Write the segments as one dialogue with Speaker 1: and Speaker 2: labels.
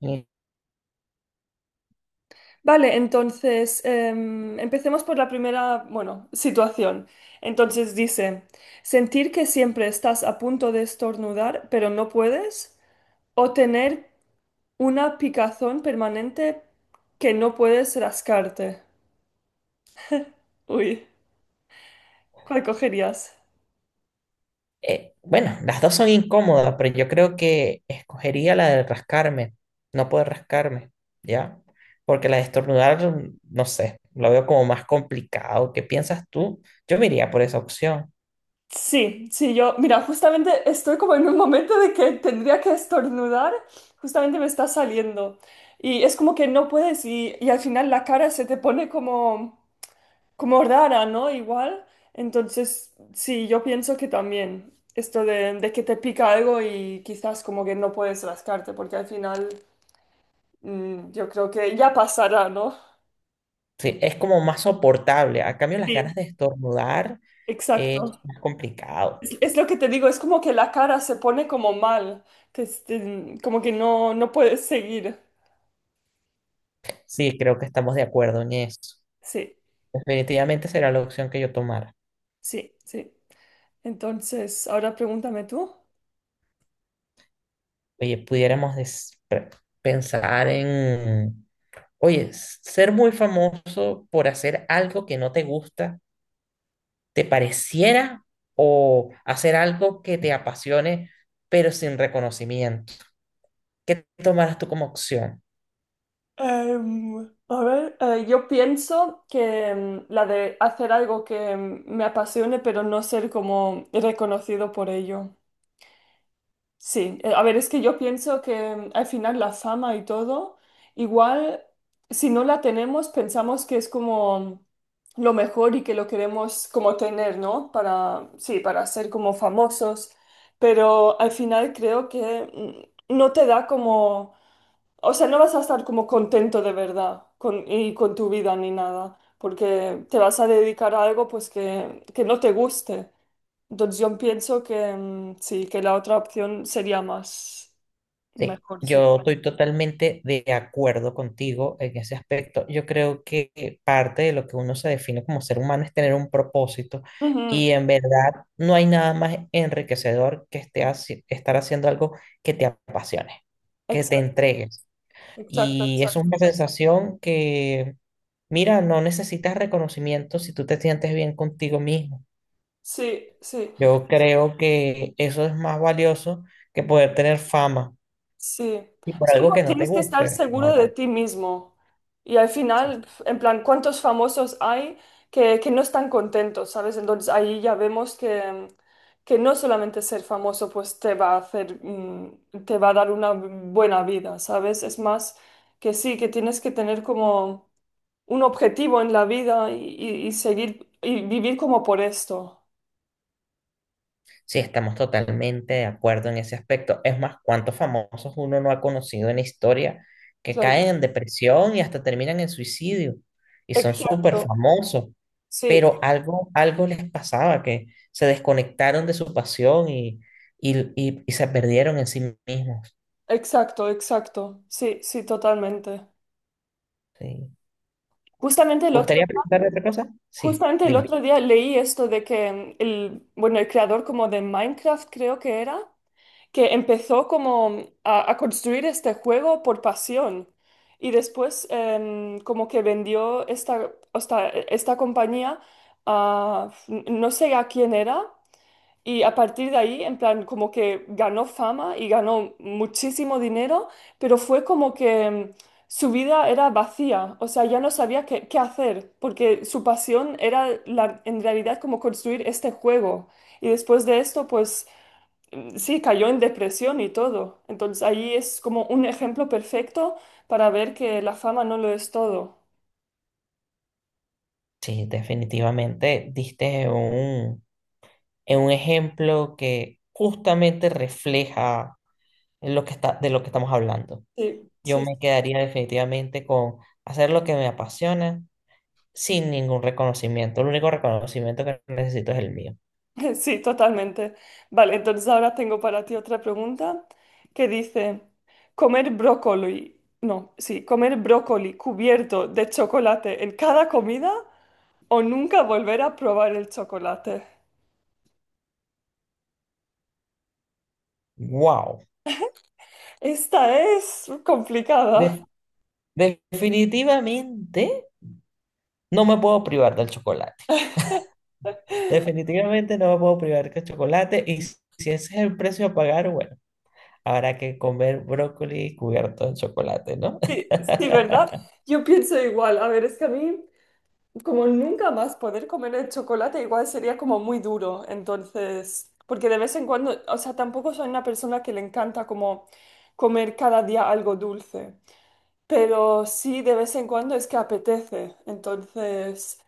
Speaker 1: Y,
Speaker 2: Vale, entonces empecemos por la primera, bueno, situación. Entonces dice, sentir que siempre estás a punto de estornudar, pero no puedes, o tener una picazón permanente que no puedes rascarte. Uy, ¿cuál cogerías?
Speaker 1: bueno, las dos son incómodas, pero yo creo que escogería la de rascarme, no poder rascarme, ¿ya? Porque la de estornudar, no sé, lo veo como más complicado. ¿Qué piensas tú? Yo me iría por esa opción.
Speaker 2: Sí, sí, yo, mira, justamente estoy como en un momento de que tendría que estornudar, justamente me está saliendo. Y es como que no puedes y al final la cara se te pone como... como rara, ¿no? Igual. Entonces, sí, yo pienso que también esto de que te pica algo y quizás como que no puedes rascarte, porque al final yo creo que ya pasará, ¿no?
Speaker 1: Sí, es como más soportable. A cambio, las ganas
Speaker 2: Sí,
Speaker 1: de estornudar
Speaker 2: exacto.
Speaker 1: es más complicado.
Speaker 2: Es lo que te digo, es como que la cara se pone como mal, que este, como que no, no puedes seguir.
Speaker 1: Sí, creo que estamos de acuerdo en eso.
Speaker 2: Sí,
Speaker 1: Definitivamente será la opción que yo tomara.
Speaker 2: sí, sí. Entonces, ahora pregúntame tú.
Speaker 1: Oye, pensar en. Oye, ser muy famoso por hacer algo que no te gusta, ¿te pareciera? O hacer algo que te apasione, pero sin reconocimiento. ¿Qué tomarás tú como opción?
Speaker 2: A ver, yo pienso que la de hacer algo que me apasione, pero no ser como reconocido por ello. Sí, a ver, es que yo pienso que al final la fama y todo, igual si no la tenemos, pensamos que es como lo mejor y que lo queremos como tener, ¿no? Para, sí, para ser como famosos, pero al final creo que no te da como o sea, no vas a estar como contento de verdad con, y con tu vida ni nada, porque te vas a dedicar a algo pues que no te guste. Entonces yo pienso que sí, que la otra opción sería más
Speaker 1: Sí,
Speaker 2: mejor, sí.
Speaker 1: yo estoy totalmente de acuerdo contigo en ese aspecto. Yo creo que parte de lo que uno se define como ser humano es tener un propósito.
Speaker 2: Ujú.
Speaker 1: Y en verdad no hay nada más enriquecedor que estar haciendo algo que te apasione, que te
Speaker 2: Exacto,
Speaker 1: entregues.
Speaker 2: exacto,
Speaker 1: Y eso es
Speaker 2: exacto.
Speaker 1: una sensación que, mira, no necesitas reconocimiento si tú te sientes bien contigo mismo.
Speaker 2: Sí, sí.
Speaker 1: Yo creo que eso es más valioso que poder tener fama
Speaker 2: Sí,
Speaker 1: y por
Speaker 2: es
Speaker 1: algo
Speaker 2: como
Speaker 1: que no te
Speaker 2: tienes que estar
Speaker 1: guste, ¿no?
Speaker 2: seguro de ti mismo. Y al final, en plan, ¿cuántos famosos hay que no están contentos, ¿sabes? Entonces ahí ya vemos que no solamente ser famoso pues te va a hacer, te va a dar una buena vida, ¿sabes? Es más que sí, que tienes que tener como un objetivo en la vida y, y seguir y vivir como por esto.
Speaker 1: Sí, estamos totalmente de acuerdo en ese aspecto. Es más, ¿cuántos famosos uno no ha conocido en la historia que
Speaker 2: Claro.
Speaker 1: caen en depresión y hasta terminan en suicidio? Y son súper
Speaker 2: Exacto,
Speaker 1: famosos,
Speaker 2: sí,
Speaker 1: pero algo, algo les pasaba, que se desconectaron de su pasión y se perdieron en sí mismos.
Speaker 2: exacto, exacto, sí, sí, totalmente.
Speaker 1: Sí.
Speaker 2: Justamente el
Speaker 1: ¿Te
Speaker 2: otro,
Speaker 1: gustaría preguntar otra cosa? Sí,
Speaker 2: justamente el
Speaker 1: dime.
Speaker 2: otro día leí esto de que el, bueno, el creador como de Minecraft creo que era, que empezó como a construir este juego por pasión y después como que vendió esta compañía a, no sé a quién era, y a partir de ahí, en plan, como que ganó fama y ganó muchísimo dinero, pero fue como que su vida era vacía, o sea, ya no sabía qué, qué hacer, porque su pasión era en realidad como construir este juego. Y después de esto, pues sí, cayó en depresión y todo. Entonces ahí es como un ejemplo perfecto para ver que la fama no lo es todo.
Speaker 1: Sí, definitivamente diste un, en un ejemplo que justamente refleja lo que está, de lo que estamos hablando.
Speaker 2: Sí,
Speaker 1: Yo
Speaker 2: sí.
Speaker 1: me quedaría definitivamente con hacer lo que me apasiona sin ningún reconocimiento. El único reconocimiento que necesito es el mío.
Speaker 2: Sí, totalmente. Vale, entonces ahora tengo para ti otra pregunta que dice, comer brócoli, no, sí, comer brócoli cubierto de chocolate en cada comida o nunca volver a probar el chocolate.
Speaker 1: ¡Wow!
Speaker 2: Esta es complicada.
Speaker 1: Definitivamente no me puedo privar del chocolate. Definitivamente no me puedo privar del chocolate. Y si ese es el precio a pagar, bueno, habrá que comer brócoli cubierto en chocolate, ¿no?
Speaker 2: Sí, sí, ¿verdad? Yo pienso igual. A ver, es que a mí como nunca más poder comer el chocolate, igual sería como muy duro, entonces, porque de vez en cuando, o sea, tampoco soy una persona que le encanta como comer cada día algo dulce, pero sí de vez en cuando es que apetece, entonces,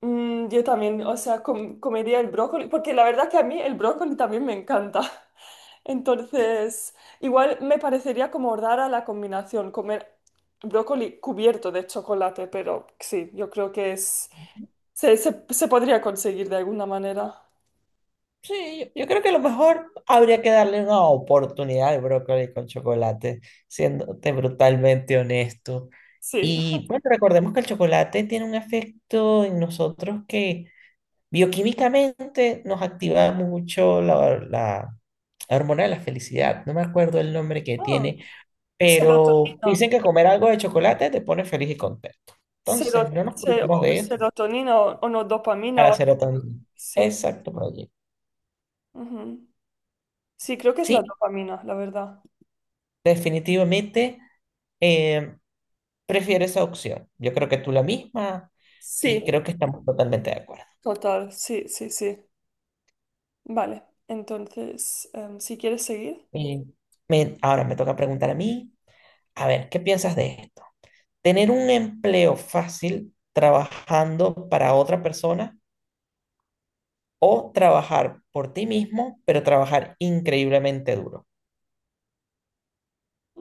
Speaker 2: yo también, o sea, comería el brócoli, porque la verdad que a mí el brócoli también me encanta, entonces, igual me parecería como rara la combinación, comer brócoli cubierto de chocolate, pero sí, yo creo que es... se podría conseguir de alguna manera.
Speaker 1: Sí, yo creo que a lo mejor habría que darle una oportunidad al brócoli con chocolate, siéndote brutalmente honesto.
Speaker 2: Sí.
Speaker 1: Y bueno, recordemos que el chocolate tiene un efecto en nosotros que bioquímicamente nos activa mucho la hormona de la felicidad. No me acuerdo el nombre que
Speaker 2: Oh,
Speaker 1: tiene, pero
Speaker 2: serotonina.
Speaker 1: dicen que comer algo de chocolate te pone feliz y contento. Entonces, no nos olvidemos de eso
Speaker 2: Serotonina o no dopamina
Speaker 1: para
Speaker 2: o
Speaker 1: la
Speaker 2: algo.
Speaker 1: serotonina.
Speaker 2: Sí.
Speaker 1: Exacto, Proye.
Speaker 2: Ujú. Sí, creo que es la
Speaker 1: Sí,
Speaker 2: dopamina, la verdad.
Speaker 1: definitivamente eh, prefiero esa opción. Yo creo que tú la misma y
Speaker 2: Sí,
Speaker 1: creo que estamos totalmente de acuerdo.
Speaker 2: total. Sí, sí, sí. Vale. Entonces, si quieres seguir.
Speaker 1: Y ahora me toca preguntar a mí, a ver, ¿qué piensas de esto? Tener un empleo fácil trabajando para otra persona o trabajar por ti mismo, pero trabajar increíblemente duro.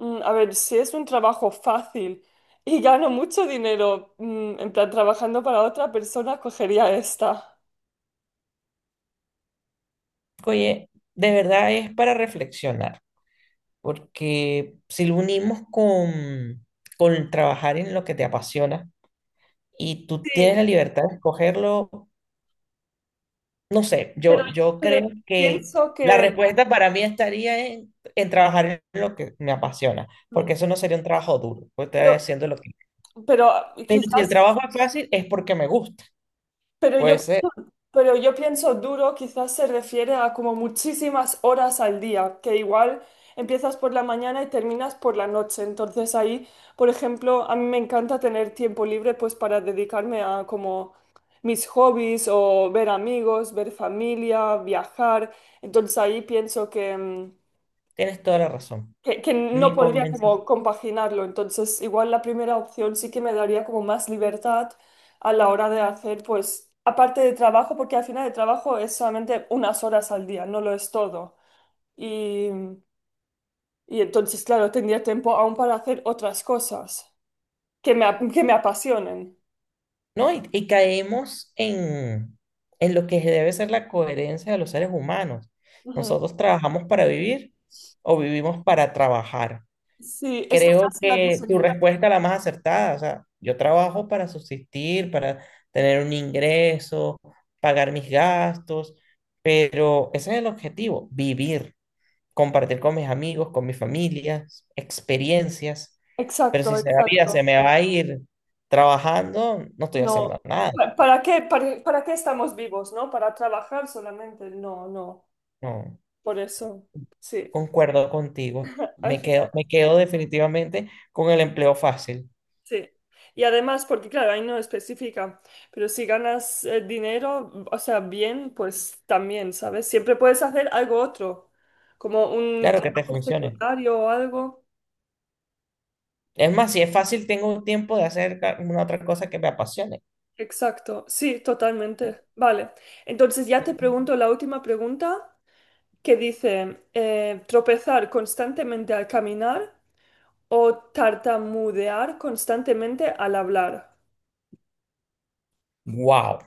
Speaker 2: A ver, si es un trabajo fácil y gano mucho dinero, en plan trabajando para otra persona, cogería esta.
Speaker 1: Oye, de verdad es para reflexionar, porque si lo unimos con trabajar en lo que te apasiona y tú tienes
Speaker 2: Sí,
Speaker 1: la libertad de escogerlo, no sé,
Speaker 2: pero,
Speaker 1: yo
Speaker 2: pero
Speaker 1: creo que
Speaker 2: pienso
Speaker 1: la
Speaker 2: que...
Speaker 1: respuesta para mí estaría en trabajar en lo que me apasiona, porque eso no sería un trabajo duro, pues estaría
Speaker 2: pero
Speaker 1: haciendo lo que.
Speaker 2: Pero
Speaker 1: Pero si
Speaker 2: quizás,
Speaker 1: el trabajo es fácil, es porque me gusta.
Speaker 2: pero yo,
Speaker 1: Puede ser.
Speaker 2: pero yo pienso duro, quizás se refiere a como muchísimas horas al día, que igual empiezas por la mañana y terminas por la noche. Entonces ahí, por ejemplo, a mí me encanta tener tiempo libre pues para dedicarme a como mis hobbies o ver amigos, ver familia, viajar. Entonces ahí pienso que
Speaker 1: Tienes toda la razón.
Speaker 2: que no
Speaker 1: Me
Speaker 2: podría como
Speaker 1: convenciste.
Speaker 2: compaginarlo. Entonces, igual la primera opción sí que me daría como más libertad a la hora de hacer, pues, aparte de trabajo, porque al final el trabajo es solamente unas horas al día, no lo es todo. Y, y entonces, claro, tendría tiempo aún para hacer otras cosas que que me apasionen.
Speaker 1: ¿No? Y caemos en lo que debe ser la coherencia de los seres humanos.
Speaker 2: Ujú.
Speaker 1: Nosotros trabajamos para vivir o vivimos para trabajar.
Speaker 2: Sí, esta
Speaker 1: Creo
Speaker 2: frase la
Speaker 1: que
Speaker 2: dicen
Speaker 1: tu
Speaker 2: mucho.
Speaker 1: respuesta es la más acertada. O sea, yo trabajo para subsistir, para tener un ingreso, pagar mis gastos, pero ese es el objetivo, vivir. Compartir con mis amigos, con mi familia, experiencias, pero
Speaker 2: Exacto,
Speaker 1: si la vida
Speaker 2: exacto.
Speaker 1: se me va a ir trabajando, no estoy haciendo
Speaker 2: No.
Speaker 1: nada.
Speaker 2: ¿Para qué, para qué estamos vivos, no? ¿Para trabajar solamente? No, no.
Speaker 1: No,
Speaker 2: Por eso, sí,
Speaker 1: concuerdo contigo.
Speaker 2: al final,
Speaker 1: Me quedo definitivamente con el empleo fácil.
Speaker 2: sí. Y además, porque claro, ahí no especifica, pero si ganas dinero, o sea, bien, pues también, ¿sabes? Siempre puedes hacer algo otro, como un
Speaker 1: Claro que te
Speaker 2: trabajo
Speaker 1: funcione.
Speaker 2: secundario o algo.
Speaker 1: Es más, si es fácil, tengo tiempo de hacer una otra cosa que me apasione.
Speaker 2: Exacto, sí, totalmente. Vale, entonces ya te pregunto la última pregunta que dice, tropezar constantemente al caminar o tartamudear constantemente al hablar.
Speaker 1: Wow,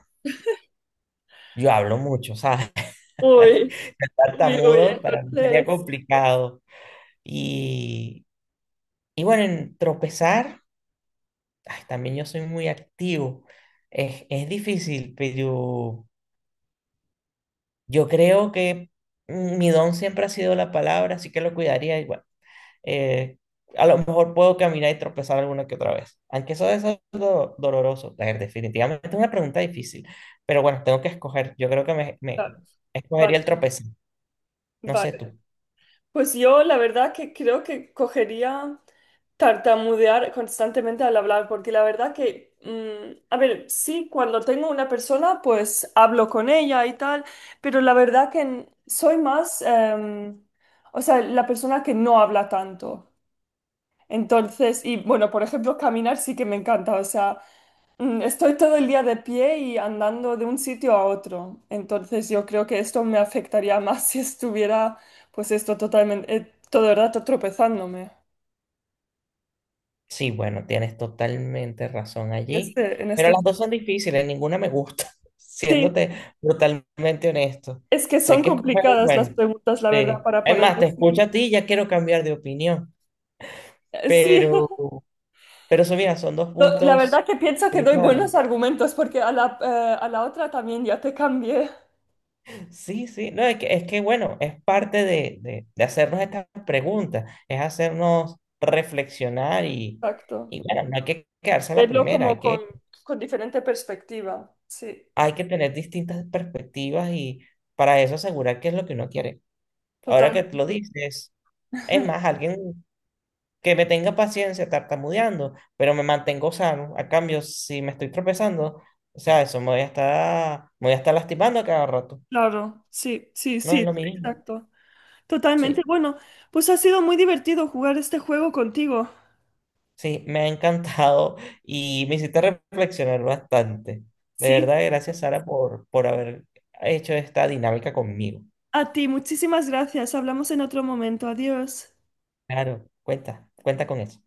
Speaker 1: yo hablo mucho, ¿sabes?
Speaker 2: Uy,
Speaker 1: Ser
Speaker 2: uy, uy,
Speaker 1: tartamudo para mí sería
Speaker 2: entonces,
Speaker 1: complicado. Y, y bueno, en tropezar, ay, también yo soy muy activo. Es difícil, pero yo creo que mi don siempre ha sido la palabra, así que lo cuidaría igual. Eh, a lo mejor puedo caminar y tropezar alguna que otra vez, aunque eso es doloroso. A ver, definitivamente es una pregunta difícil, pero bueno, tengo que escoger. Yo creo que me
Speaker 2: claro,
Speaker 1: escogería
Speaker 2: vale,
Speaker 1: el tropezar. No sé
Speaker 2: vale.
Speaker 1: tú.
Speaker 2: Pues yo la verdad que creo que cogería tartamudear constantemente al hablar, porque la verdad que, a ver, sí, cuando tengo una persona, pues hablo con ella y tal, pero la verdad que soy más, o sea, la persona que no habla tanto. Entonces, y bueno, por ejemplo, caminar sí que me encanta, o sea... estoy todo el día de pie y andando de un sitio a otro, entonces yo creo que esto me afectaría más si estuviera, pues esto totalmente, todo el rato tropezándome.
Speaker 1: Sí, bueno, tienes totalmente razón allí,
Speaker 2: Este, en
Speaker 1: pero
Speaker 2: este
Speaker 1: las
Speaker 2: caso.
Speaker 1: dos son difíciles, ninguna me gusta,
Speaker 2: Sí,
Speaker 1: siéndote brutalmente honesto.
Speaker 2: es que
Speaker 1: Sé
Speaker 2: son
Speaker 1: que escoger,
Speaker 2: complicadas las
Speaker 1: bueno,
Speaker 2: preguntas, la verdad,
Speaker 1: sí.
Speaker 2: para
Speaker 1: Es
Speaker 2: poder
Speaker 1: más, te escucho
Speaker 2: decidir.
Speaker 1: a ti y ya quiero cambiar de opinión,
Speaker 2: Sí,
Speaker 1: pero, pero eso, mira, son dos
Speaker 2: La
Speaker 1: puntos
Speaker 2: verdad que pienso
Speaker 1: de
Speaker 2: que doy
Speaker 1: vista
Speaker 2: buenos
Speaker 1: válidos.
Speaker 2: argumentos porque a la otra también ya te cambié.
Speaker 1: Sí, sí, no, es que bueno, es parte de hacernos estas preguntas, es hacernos reflexionar
Speaker 2: Exacto.
Speaker 1: y bueno, no hay que quedarse a la
Speaker 2: Verlo
Speaker 1: primera,
Speaker 2: como con diferente perspectiva. Sí,
Speaker 1: hay que tener distintas perspectivas y para eso asegurar qué es lo que uno quiere. Ahora
Speaker 2: total.
Speaker 1: que tú lo dices, es más, alguien que me tenga paciencia tartamudeando, pero me mantengo sano. A cambio, si me estoy tropezando, o sea, eso me voy a estar lastimando a cada rato.
Speaker 2: Claro, sí, sí,
Speaker 1: No
Speaker 2: sí,
Speaker 1: es lo mismo.
Speaker 2: exacto. Totalmente.
Speaker 1: Sí,
Speaker 2: Bueno, pues ha sido muy divertido jugar este juego contigo.
Speaker 1: sí, me ha encantado y me hiciste reflexionar bastante. De
Speaker 2: Sí.
Speaker 1: verdad, gracias, Sara, por haber hecho esta dinámica conmigo.
Speaker 2: A ti, muchísimas gracias. Hablamos en otro momento. Adiós.
Speaker 1: Claro, cuenta con eso.